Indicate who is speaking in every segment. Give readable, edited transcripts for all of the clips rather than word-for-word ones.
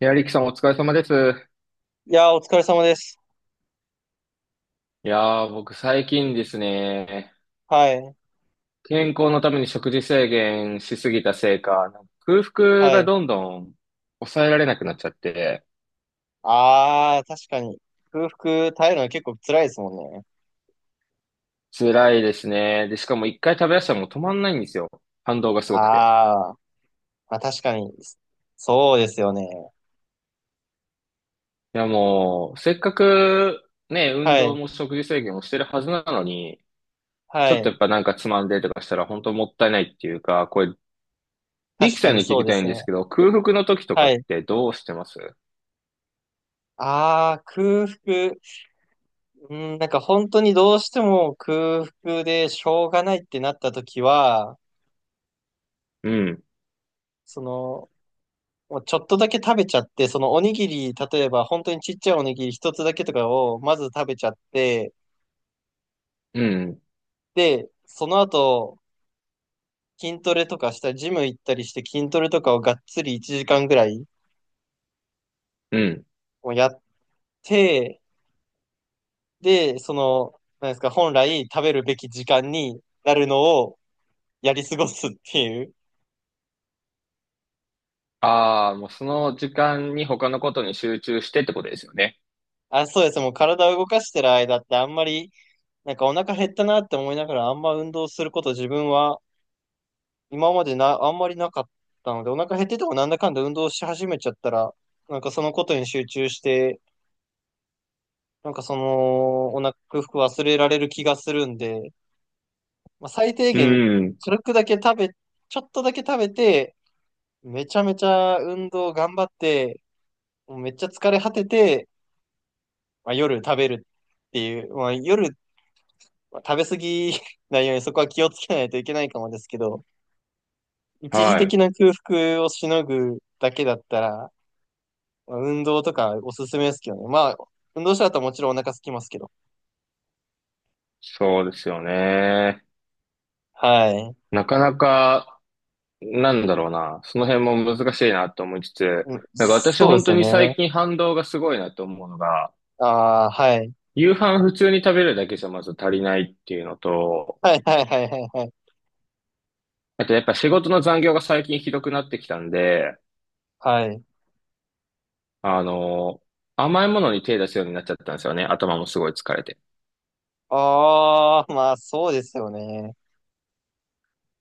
Speaker 1: いや、リキさんお疲れ様です。
Speaker 2: いやー、お疲れ様です。
Speaker 1: いやー、僕最近ですね、
Speaker 2: はい。
Speaker 1: 健康のために食事制限しすぎたせいか、空腹
Speaker 2: は
Speaker 1: が
Speaker 2: い。
Speaker 1: どんどん抑えられなくなっちゃって、
Speaker 2: ああ、確かに。空腹耐えるのは結構辛いですもんね。
Speaker 1: 辛いですね。で、しかも一回食べ出したらもう止まんないんですよ。反動がすごくて。
Speaker 2: あーまあ、確かに。そうですよね。
Speaker 1: いや、もう、せっかくね、運
Speaker 2: は
Speaker 1: 動
Speaker 2: い。
Speaker 1: も食事制限をしてるはずなのに、
Speaker 2: は
Speaker 1: ちょっと
Speaker 2: い。
Speaker 1: やっぱつまんでとかしたら本当もったいないっていうか、これ、リ
Speaker 2: 確
Speaker 1: キ
Speaker 2: か
Speaker 1: さん
Speaker 2: に
Speaker 1: に聞
Speaker 2: そう
Speaker 1: き
Speaker 2: で
Speaker 1: たい
Speaker 2: す
Speaker 1: んで
Speaker 2: ね。
Speaker 1: すけど、空腹の時とか
Speaker 2: は
Speaker 1: っ
Speaker 2: い。
Speaker 1: てどうしてます？
Speaker 2: ああ、空腹。うん、なんか本当にどうしても空腹でしょうがないってなった時は、
Speaker 1: うん、
Speaker 2: その、もうちょっとだけ食べちゃって、そのおにぎり、例えば本当にちっちゃいおにぎり一つだけとかをまず食べちゃって、
Speaker 1: うん、
Speaker 2: で、その後、筋トレとかしたり、ジム行ったりして筋トレとかをがっつり1時間ぐらい
Speaker 1: うん。
Speaker 2: もやって、で、その、なんですか、本来食べるべき時間になるのをやり過ごすっていう。
Speaker 1: ああ、もうその時間に他のことに集中してってことですよね。
Speaker 2: あ、そうです。もう体を動かしてる間ってあんまり、なんかお腹減ったなって思いながらあんま運動すること自分は今までな、あんまりなかったので、お腹減っててもなんだかんだ運動し始めちゃったら、なんかそのことに集中して、なんかその、お腹、服忘れられる気がするんで、まあ、最低
Speaker 1: う
Speaker 2: 限、
Speaker 1: ん。
Speaker 2: 軽くだけ食べ、ちょっとだけ食べて、めちゃめちゃ運動頑張って、もうめっちゃ疲れ果てて、まあ、夜食べるっていう、まあ、夜、まあ食べ過ぎ ないようにそこは気をつけないといけないかもですけど、一時
Speaker 1: はい。
Speaker 2: 的な空腹をしのぐだけだったら、まあ運動とかおすすめですけどね。まあ、運動した後はもちろんお腹空きますけど。
Speaker 1: そうですよね。
Speaker 2: はい。
Speaker 1: なかなか、なんだろうな。その辺も難しいなと思いつつ、
Speaker 2: うん、
Speaker 1: 私
Speaker 2: そうで
Speaker 1: 本
Speaker 2: す
Speaker 1: 当
Speaker 2: よ
Speaker 1: に
Speaker 2: ね。
Speaker 1: 最近反動がすごいなと思うのが、
Speaker 2: ああ、はい。
Speaker 1: 夕飯普通に食べるだけじゃまず足りないっていうのと、
Speaker 2: はいはいはいはいはい。
Speaker 1: あとやっぱ仕事の残業が最近ひどくなってきたんで、
Speaker 2: はい。
Speaker 1: あの、甘いものに手出すようになっちゃったんですよね。頭もすごい疲れて。
Speaker 2: ああ、まあそうですよね。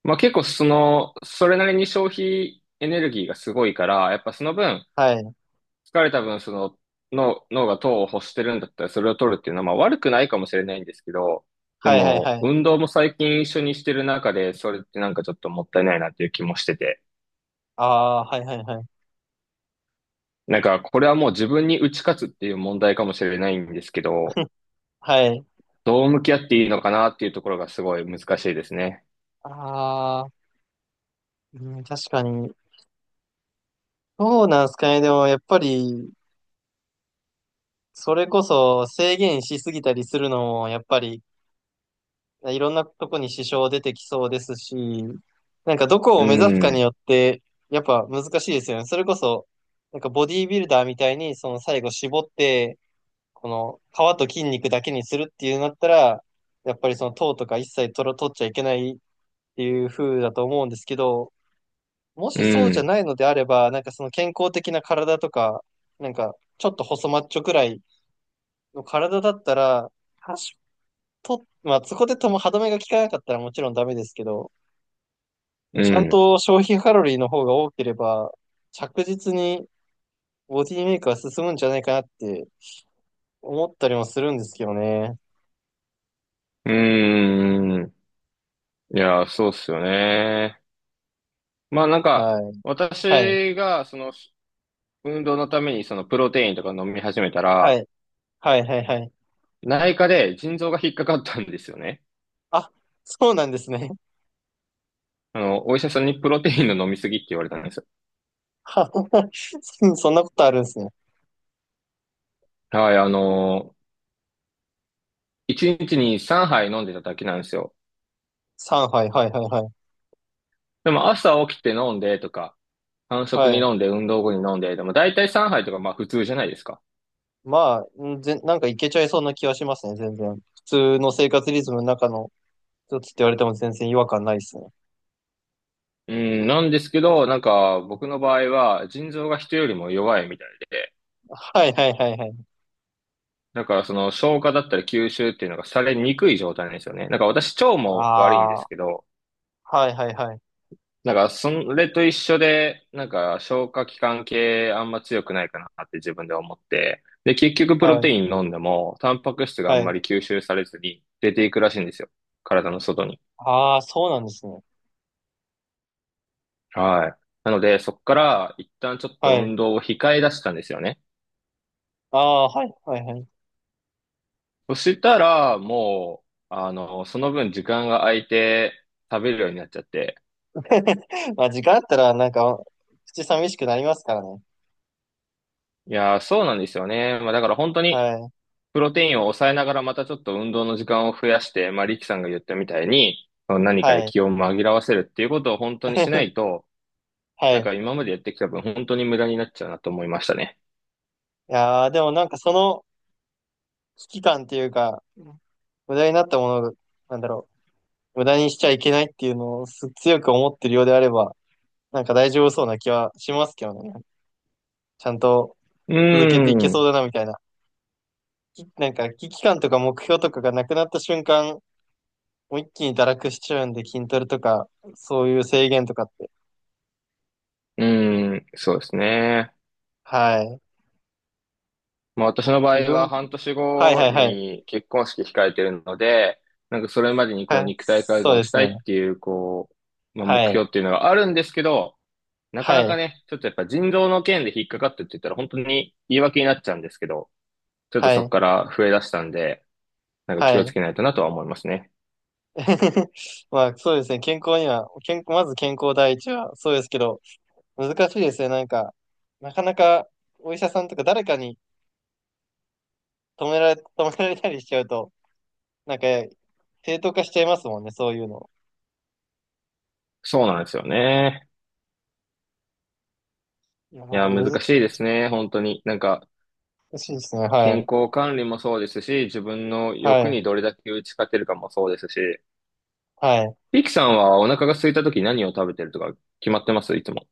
Speaker 1: まあ結構その、それなりに消費エネルギーがすごいから、やっぱその分、
Speaker 2: はい。
Speaker 1: 疲れた分、その、脳が糖を欲してるんだったらそれを取るっていうのは、まあ悪くないかもしれないんですけど、で
Speaker 2: はいはいは
Speaker 1: も、
Speaker 2: い。
Speaker 1: 運動も最近一緒にしてる中で、それってなんかちょっともったいないなっていう気もしてて、
Speaker 2: ああ、はいはいはい。
Speaker 1: これはもう自分に打ち勝つっていう問題かもしれないんですけど、
Speaker 2: はい。
Speaker 1: どう向き合っていいのかなっていうところがすごい難しいですね。
Speaker 2: ああ、うん、確かに。そうなんすかね。でもやっぱり、それこそ制限しすぎたりするのも、やっぱり、いろんなとこに支障出てきそうですし、なんかどこ
Speaker 1: う
Speaker 2: を目指すかに
Speaker 1: ん、
Speaker 2: よって、やっぱ難しいですよね。それこそ、なんかボディービルダーみたいに、その最後絞って、この皮と筋肉だけにするっていうなだったら、やっぱりその糖とか一切取ら、取っちゃいけないっていう風だと思うんですけど、も
Speaker 1: う
Speaker 2: しそうじゃ
Speaker 1: ん、
Speaker 2: ないのであれば、なんかその健康的な体とか、なんかちょっと細マッチョくらいの体だったら、多少と、まあそこでとも歯止めが効かなかったらもちろんダメですけど、
Speaker 1: う
Speaker 2: ちゃん
Speaker 1: ん、
Speaker 2: と消費カロリーの方が多ければ、着実にボディメイクは進むんじゃないかなって思ったりもするんですけどね。
Speaker 1: うん。いや、そうっすよね。まあ、
Speaker 2: はい。はい。
Speaker 1: 私がその運動のためにそのプロテインとか飲み始めた
Speaker 2: は
Speaker 1: ら、
Speaker 2: い。はいはいはい。
Speaker 1: 内科で腎臓が引っかかったんですよね。
Speaker 2: あ、そうなんですね。
Speaker 1: あの、お医者さんにプロテインの飲みすぎって言われたんですよ。
Speaker 2: ははそんなことあるんですね。
Speaker 1: はい、あの1日に3杯飲んでただけなんですよ。
Speaker 2: 3杯、はいはいはいはい。
Speaker 1: でも朝起きて飲んでとか、間
Speaker 2: は
Speaker 1: 食に
Speaker 2: い。
Speaker 1: 飲んで、運動後に飲んで、でも大体3杯とかまあ普通じゃないですか。
Speaker 2: まあ、なんかいけちゃいそうな気はしますね、全然。普通の生活リズムの中の一つって言われても全然違和感ないですね。
Speaker 1: うん、なんですけど、なんか僕の場合は腎臓が人よりも弱いみたいで、
Speaker 2: はいはいはいはい。
Speaker 1: だからその消化だったり吸収っていうのがされにくい状態なんですよね。なんか私腸も悪いんで
Speaker 2: あ
Speaker 1: す
Speaker 2: あ、
Speaker 1: けど、
Speaker 2: はいはいはい。
Speaker 1: なんかそれと一緒で、なんか消化器官系あんま強くないかなって自分で思って、で結局プ
Speaker 2: は
Speaker 1: ロテ
Speaker 2: い
Speaker 1: イン飲んでもタンパク質があ
Speaker 2: は
Speaker 1: ん
Speaker 2: い。
Speaker 1: まり吸収されずに出ていくらしいんですよ。体の外に。
Speaker 2: ああ、そうなんですね。
Speaker 1: はい。なのでそこから一旦ちょっと
Speaker 2: はい。
Speaker 1: 運動を控え出したんですよね。
Speaker 2: ああ、はいはいはい。
Speaker 1: そしたらもう、その分時間が空いて食べるようになっちゃって、
Speaker 2: まあ、時間あったら、なんか、口寂しくなりますからね。
Speaker 1: いやー、そうなんですよね。まあだから本当に、
Speaker 2: はい。
Speaker 1: プロテインを抑えながらまたちょっと運動の時間を増やして、まあリキさんが言ったみたいに、何か
Speaker 2: は
Speaker 1: で
Speaker 2: い。
Speaker 1: 気を紛らわせるっていうことを本当にしない と、
Speaker 2: は
Speaker 1: なん
Speaker 2: い。
Speaker 1: か今までやってきた分本当に無駄になっちゃうなと思いましたね。
Speaker 2: いやー、でもなんかその、危機感っていうか、無駄になったもの、なんだろう、無駄にしちゃいけないっていうのを強く思ってるようであれば、なんか大丈夫そうな気はしますけどね。ちゃんと
Speaker 1: うー
Speaker 2: 続けていけ
Speaker 1: ん、
Speaker 2: そ
Speaker 1: う
Speaker 2: うだなみたいな。なんか危機感とか目標とかがなくなった瞬間、もう一気に堕落しちゃうんで、筋トレとか、そういう制限とかって。
Speaker 1: ーん、そうですね。
Speaker 2: はい。
Speaker 1: まあ、私の場
Speaker 2: 自
Speaker 1: 合は
Speaker 2: 分、
Speaker 1: 半年
Speaker 2: はい
Speaker 1: 後
Speaker 2: はいはい。
Speaker 1: に結婚式控えてるので、なんかそれまでにこう
Speaker 2: はい。
Speaker 1: 肉体改
Speaker 2: そう
Speaker 1: 造
Speaker 2: で
Speaker 1: し
Speaker 2: す
Speaker 1: たい
Speaker 2: ね。
Speaker 1: っていう、こう、まあ、
Speaker 2: は
Speaker 1: 目
Speaker 2: い。
Speaker 1: 標っていうのがあるんですけど、なか
Speaker 2: は
Speaker 1: なか
Speaker 2: い。
Speaker 1: ね、ちょっとやっぱ腎臓の件で引っかかってって言ったら本当に言い訳になっちゃうんですけど、ちょっと
Speaker 2: は
Speaker 1: そこ
Speaker 2: い。
Speaker 1: から増え出したんで、なんか
Speaker 2: は
Speaker 1: 気をつ
Speaker 2: い。
Speaker 1: けないとなとは思いますね。
Speaker 2: まあそうですね、健康には、健まず健康第一はそうですけど、難しいですね、なんか、なかなかお医者さんとか誰かに止められ、止められたりしちゃうと、なんか正当化しちゃいますもんね、そういうの。
Speaker 1: そうなんですよね。
Speaker 2: いや
Speaker 1: いや、難
Speaker 2: ー、
Speaker 1: しいですね、本当に。なんか、
Speaker 2: 難しいですね、は
Speaker 1: 健
Speaker 2: い、
Speaker 1: 康管理もそうですし、自分の
Speaker 2: は
Speaker 1: 欲
Speaker 2: い、
Speaker 1: にどれだけ打ち勝てるかもそうですし、
Speaker 2: はい。
Speaker 1: リキさんはお腹が空いた時何を食べてるとか決まってますいつも？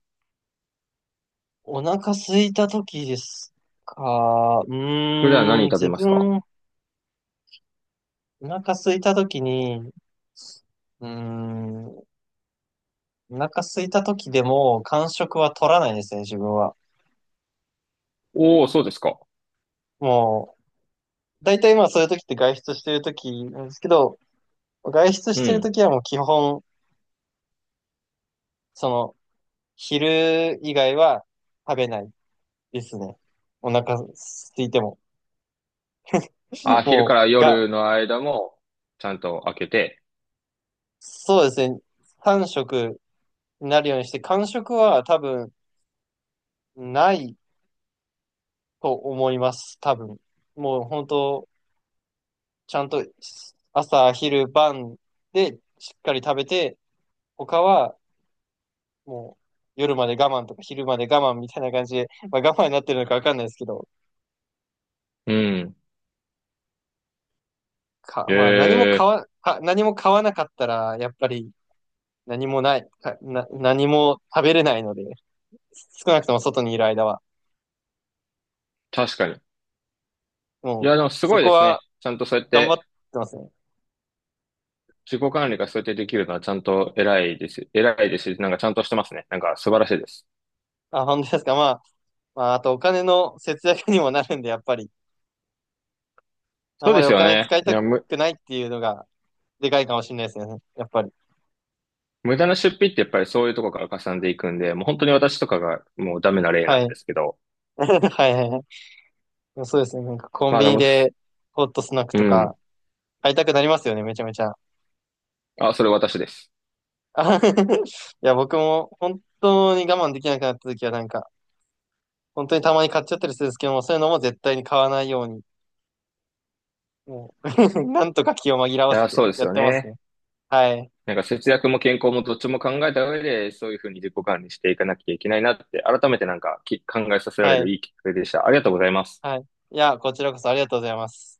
Speaker 2: お腹空いた時ですか、う
Speaker 1: 普段
Speaker 2: ーん、
Speaker 1: 何食べ
Speaker 2: 自
Speaker 1: ますか？
Speaker 2: 分、お腹空いた時に、うーん、お腹空いた時でも間食は取らないですね、自分は。
Speaker 1: おおー、そうですか。
Speaker 2: もう、大体まあそういう時って外出してる時なんですけど、外出し
Speaker 1: う
Speaker 2: てる
Speaker 1: ん。
Speaker 2: 時はもう基本、その、昼以外は食べないですね。お腹空いても。
Speaker 1: あ、昼か
Speaker 2: も
Speaker 1: ら
Speaker 2: う、
Speaker 1: 夜の間もちゃんと開けて。
Speaker 2: そうですね。3食になるようにして、間食は多分ないと思います。多分。もう本当、ちゃんと朝、昼、晩でしっかり食べて、他はもう夜まで我慢とか昼まで我慢みたいな感じで、まあ、我慢になってるのかわかんないですけど、
Speaker 1: うん。え
Speaker 2: まあ
Speaker 1: え、
Speaker 2: 何も買わなかったら、やっぱり何もない、かな、何も食べれないので、少なくとも外にいる間は。
Speaker 1: 確かに。い
Speaker 2: もう、
Speaker 1: や、でもす
Speaker 2: そ
Speaker 1: ごい
Speaker 2: こ
Speaker 1: です
Speaker 2: は
Speaker 1: ね。ちゃんとそうやっ
Speaker 2: 頑張っ
Speaker 1: て、
Speaker 2: てますね。
Speaker 1: 自己管理がそうやってできるのはちゃんと偉いです。偉いですし。なんかちゃんとしてますね。なんか素晴らしいです。
Speaker 2: あ、本当ですか。まあ、まあ、あとお金の節約にもなるんで、やっぱり、あ
Speaker 1: そう
Speaker 2: ま
Speaker 1: で
Speaker 2: り
Speaker 1: す
Speaker 2: お
Speaker 1: よ
Speaker 2: 金使
Speaker 1: ね。
Speaker 2: いた
Speaker 1: ね、
Speaker 2: くないっていうのが、でかいかもしれないですね。やっぱり。
Speaker 1: 無駄な出費ってやっぱりそういうとこからかさんでいくんで、もう本当に私とかがもうダメな例な
Speaker 2: は
Speaker 1: ん
Speaker 2: い。
Speaker 1: ですけど。
Speaker 2: はいはいはい。そうですね。なんかコン
Speaker 1: まあ
Speaker 2: ビ
Speaker 1: で
Speaker 2: ニ
Speaker 1: も、
Speaker 2: で、ホットスナック
Speaker 1: う
Speaker 2: と
Speaker 1: ん。
Speaker 2: か、会いたくなりますよね、めちゃめちゃ。
Speaker 1: あ、それ私です。
Speaker 2: あ いや、僕も本当に我慢できなくなった時はなんか、本当にたまに買っちゃったりするんですけども、そういうのも絶対に買わないように、もう なんとか気を紛ら
Speaker 1: い
Speaker 2: わ
Speaker 1: や
Speaker 2: せ
Speaker 1: ー、
Speaker 2: て
Speaker 1: そうで
Speaker 2: や
Speaker 1: す
Speaker 2: っ
Speaker 1: よ
Speaker 2: てます
Speaker 1: ね。
Speaker 2: ね。はい、
Speaker 1: なんか節約も健康もどっちも考えた上で、そういうふうに自己管理していかなきゃいけないなって、改めてなんかき考えさせられ
Speaker 2: は
Speaker 1: る
Speaker 2: い、
Speaker 1: いいきっかけでした。ありがとうございます。
Speaker 2: はい。いや、こちらこそありがとうございます。